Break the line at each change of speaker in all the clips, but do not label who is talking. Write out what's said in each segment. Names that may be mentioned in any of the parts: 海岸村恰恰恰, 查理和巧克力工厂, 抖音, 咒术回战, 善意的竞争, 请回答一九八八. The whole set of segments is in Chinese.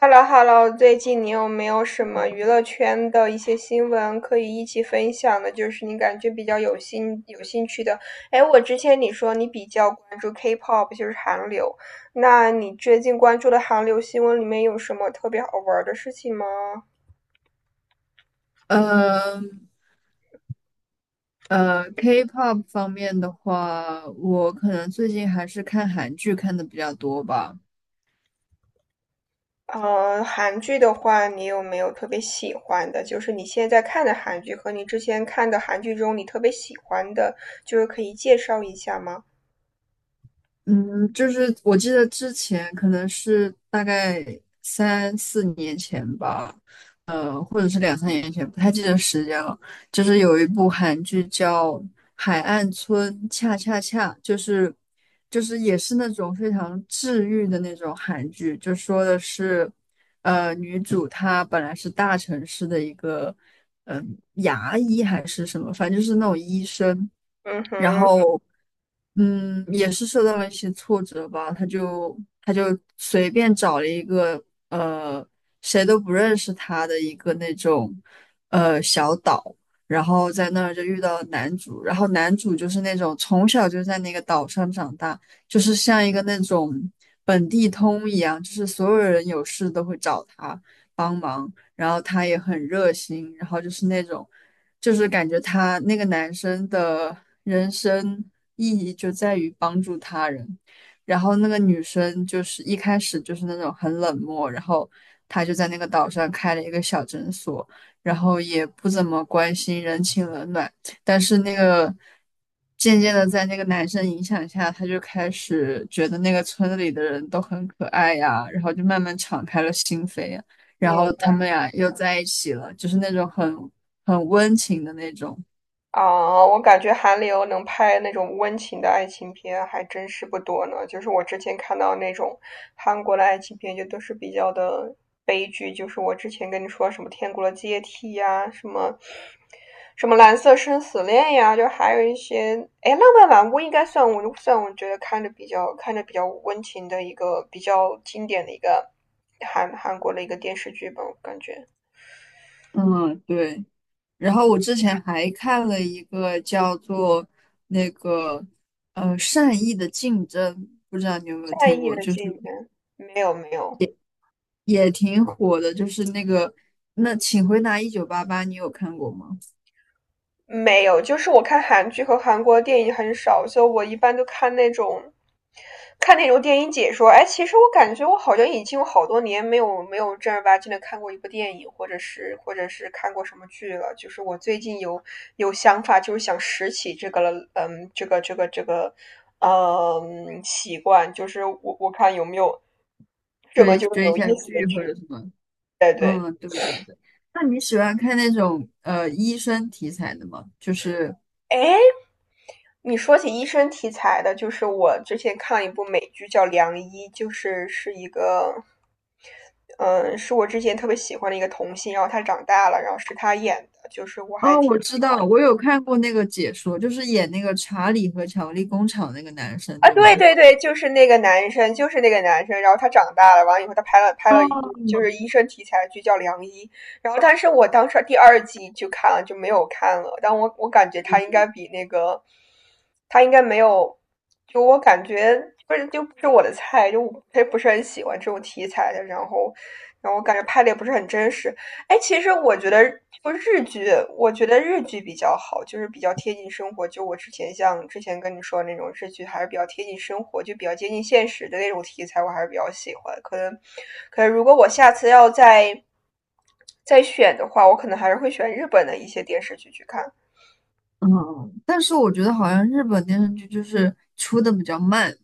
h e l l o h e l l o， 最近你有没有什么娱乐圈的一些新闻可以一起分享的？就是你感觉比较有兴趣的。哎，我之前你说你比较关注 K-pop，就是韩流，那你最近关注的韩流新闻里面有什么特别好玩儿的事情吗？
呃K-pop 方面的话，我可能最近还是看韩剧看的比较多吧。
韩剧的话，你有没有特别喜欢的？就是你现在看的韩剧和你之前看的韩剧中，你特别喜欢的，就是可以介绍一下吗？
嗯，就是我记得之前可能是大概三四年前吧，或者是两三年前，不太记得时间了。就是有一部韩剧叫《海岸村恰恰恰》，就是也是那种非常治愈的那种韩剧，就说的是，女主她本来是大城市的一个。牙医还是什么，反正就是那种医生，
嗯
然
哼。
后也是受到了一些挫折吧，他就随便找了一个呃谁都不认识他的一个那种小岛，然后在那儿就遇到了男主，然后男主就是那种从小就在那个岛上长大，就是像一个那种本地通一样，就是所有人有事都会找他帮忙。然后他也很热心，然后就是那种，就是感觉他那个男生的人生意义就在于帮助他人，然后那个女生就是一开始就是那种很冷漠，然后她就在那个岛上开了一个小诊所，然后也不怎么关心人情冷暖，但是那个。渐渐的，在那个男生影响下，他就开始觉得那个村子里的人都很可爱呀，然后就慢慢敞开了心扉呀。然后
嗯。
他们俩又在一起了，就是那种很温情的那种。
啊，我感觉韩流能拍那种温情的爱情片还真是不多呢。就是我之前看到那种韩国的爱情片，就都是比较的悲剧。就是我之前跟你说什么《天国的阶梯》呀，什么《蓝色生死恋》呀，就还有一些，哎，《浪漫满屋》应该算我觉得看着比较温情的一个比较经典的一个韩国的一个电视剧吧，我感觉。
嗯，对。然后我之前还看了一个叫做那个善意的竞争，不知道你有没有
在
听
意
过，
的
就是
纪元，没有没有。
也挺火的，就是那个那请回答1988，你有看过吗？
没有，就是我看韩剧和韩国电影很少，所以我一般都看那种，看那种电影解说。哎，其实我感觉我好像已经有好多年没有正儿八经的看过一部电影，或者是看过什么剧了。就是我最近有想法，就是想拾起这个了，这个这个，习惯，就是我看有没有这么
追
就
追一
有意
下
思的
剧
剧。
或者什么？
对对。
嗯，对对对。那你喜欢看那种医生题材的吗？就是
哎，你说起医生题材的，就是我之前看了一部美剧叫《良医》，就是是一个，嗯，是我之前特别喜欢的一个童星，然后他长大了，然后是他演的，就是我还
哦，
挺
我知
喜欢。
道，我有看过那个解说，就是演那个查理和巧克力工厂那个男生，
啊，
对
对
吗？
对对，就是那个男生，就是那个男生。然后他长大了，完了以后他拍了拍
哦，
了一部就是医生题材的剧叫《良医》，然后但是我当时第二季就看了，就没有看了。但我感觉他应该比那个，他应该没有，就我感觉不是就不是我的菜，就我不是很喜欢这种题材的。然后，然后我感觉拍的也不是很真实。哎，其实我觉得就日剧，我觉得日剧比较好，就是比较贴近生活。就我之前像之前跟你说的那种日剧，还是比较贴近生活，就比较接近现实的那种题材，我还是比较喜欢。可能，可能如果我下次要再选的话，我可能还是会选日本的一些电视剧去看。
嗯，但是我觉得好像日本电视剧就是出的比较慢，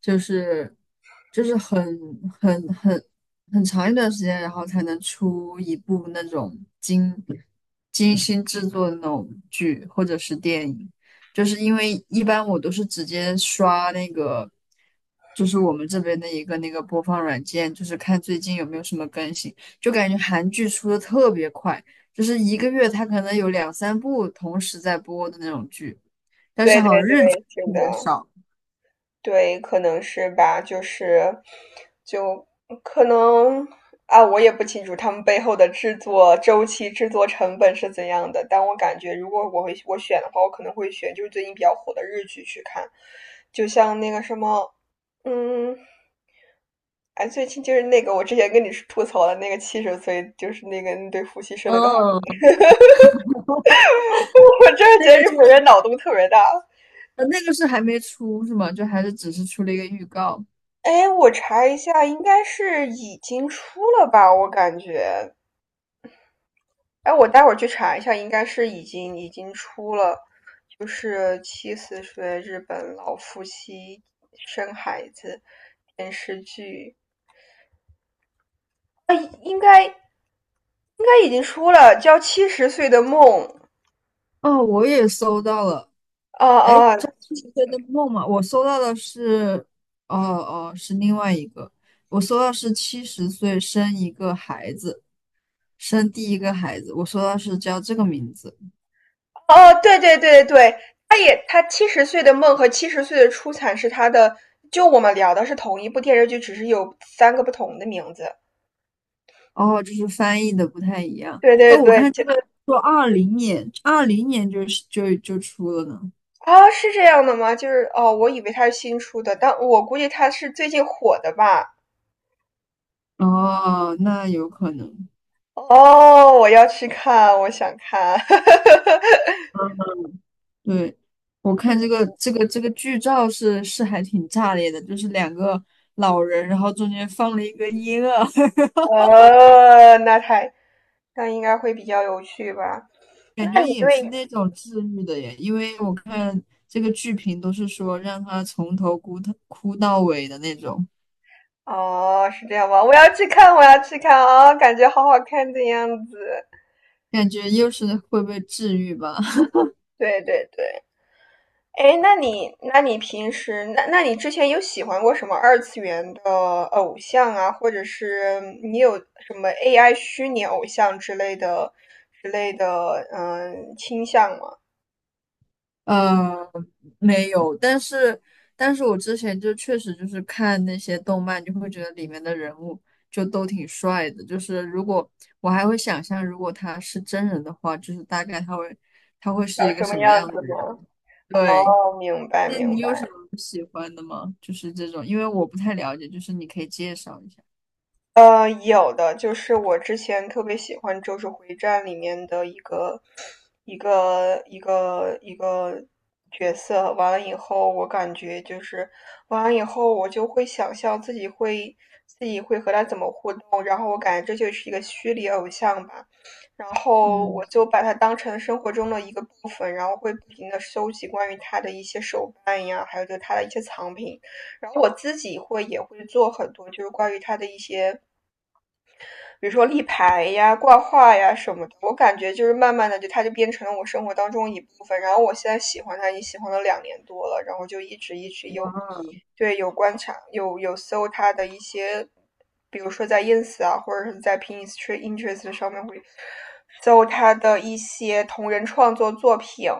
就是就是很很很很长一段时间，然后才能出一部那种精精心制作的那种剧或者是电影，就是因为一般我都是直接刷那个，就是我们这边的一个那个播放软件，就是看最近有没有什么更新，就感觉韩剧出的特别快。就是一个月他可能有两三部同时在播的那种剧，
对对对，是
特别
的。
少。
对，可能是吧，就是，就可能啊，我也不清楚他们背后的制作周期、制作成本是怎样的。但我感觉，如果我选的话，我可能会选就是最近比较火的日剧去看，就像那个什么，嗯，哎，最近就是那个我之前跟你吐槽的那个七十岁，就是那个那对夫妻生了个孩子，
嗯，
我真的觉
那
得
个
日
就
本人
是
脑洞特别大。
那个是还没出是吗？就还是只是出了一个预告？
哎，我查一下，应该是已经出了吧？我感觉哎，我待会儿去查一下，应该是已经出了，就是《七十岁日本老夫妻生孩子》电视剧，啊，应该已经出了，叫《七十岁的梦》。
哦，我也搜到了。
哦
哎，
哦
这是一个的梦吗？我搜到的是，哦哦，是另外一个。我搜到是70岁生一个孩子，生第一个孩子。我搜到是叫这个名字。
哦，对，他也他《七十岁的梦》和《七十岁的出产》是他的，就我们聊的是同一部电视剧，只是有三个不同的名字。
哦，就是翻译的不太一样。
对
哎，
对
我
对，
看
就。
这个说二零年，二零年就是就出了呢。
啊，是这样的吗？就是哦，我以为它是新出的，但我估计它是最近火的吧。
哦，那有可能。
哦，我要去看，我想看。
对，我看这个 这个这个剧照是还挺炸裂的，就是两个老人，然后中间放了一个婴儿，
呃，那太那应该会比较有趣吧？
感
那
觉
你
也是
对
那种治愈的耶。因为我看这个剧评都是说让他从头哭到尾的那种，
哦，是这样吗？我要去看，我要去看啊、哦感觉好好看的样子。
感觉又是会被治愈吧。
对对对。哎，那你，那你平时，那你之前有喜欢过什么二次元的偶像啊，或者是你有什么 AI 虚拟偶像之类的，嗯，倾向吗？
呃，没有，但是我之前就确实就是看那些动漫，就会觉得里面的人物就都挺帅的。就是如果我还会想象，如果他是真人的话，就是大概他会是
长
一个
什
什
么
么样
样
的
子吗？
人？对，
哦，明白
那你
明白。
有什么欢的吗？就是这种，因为我不太了解，就是你可以介绍一下。
有的，就是我之前特别喜欢《咒术回战》里面的一个角色，完了以后，我就会想象自己会和他怎么互动，然后我感觉这就是一个虚拟偶像吧，然后我
嗯，
就把它当成生活中的一个部分，然后会不停的收集关于他的一些手办呀，还有就是他的一些藏品，然后我自己会也会做很多，就是关于他的一些比如说立牌呀、挂画呀什么的，我感觉就是慢慢的就它就变成了我生活当中一部分。然后我现在喜欢它，已经喜欢了两年多了，然后就一直有，
哇
对，有观察，有搜它的一些，比如说在 ins 啊，或者是在 Pinterest 上面会搜它的一些同人创作作品。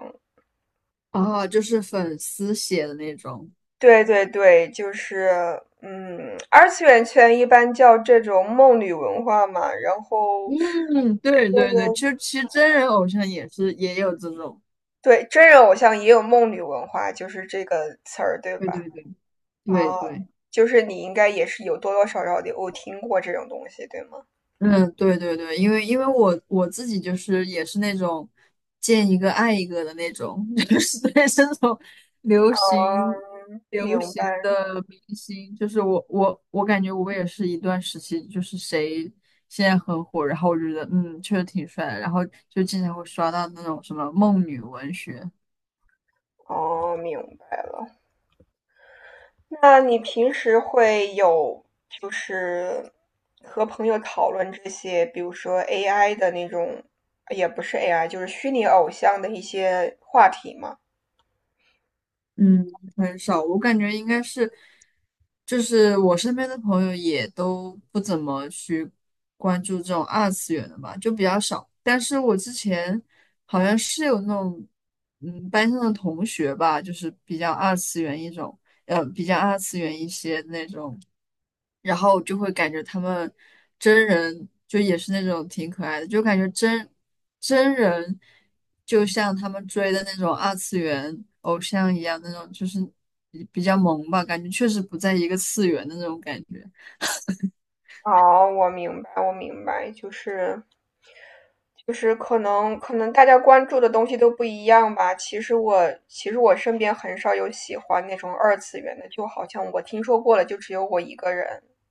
哦，就是粉丝写的那种。
对对对，就是嗯，二次元圈一般叫这种梦女文化嘛，然后。
嗯，对对对，
个。
其实真人偶像也是也有这种。
对，真人偶像也有梦女文化，就是这个词儿，对
对
吧？
对对对
啊，
对，
就是你应该也是有多多少少的我听过这种东西，对吗？
嗯，对对对，因为我自己就是也是那种见一个爱一个的那种，就是对这种流行
嗯，
流
明
行
白。
的明星，就是我感觉我也是一段时期，就是谁现在很火，然后我觉得确实挺帅的，然后就经常会刷到那种什么梦女文学。
哦，明白了。那你平时会有就是和朋友讨论这些，比如说 AI 的那种，也不是 AI，就是虚拟偶像的一些话题吗？
嗯，很少，我感觉应该是，就是我身边的朋友也都不怎么去关注这种二次元的吧，就比较少。但是我之前好像是有那种，班上的同学吧，就是比较二次元一种，比较二次元一些那种，然后就会感觉他们真人就也是那种挺可爱的，就感觉真人就像他们追的那种二次元偶像一样，那种就是比较萌吧，感觉确实不在一个次元的那种感觉。
哦，我明白，我明白，就是就是可能大家关注的东西都不一样吧。其实我身边很少有喜欢那种二次元的，就好像我听说过了，就只有我一个人。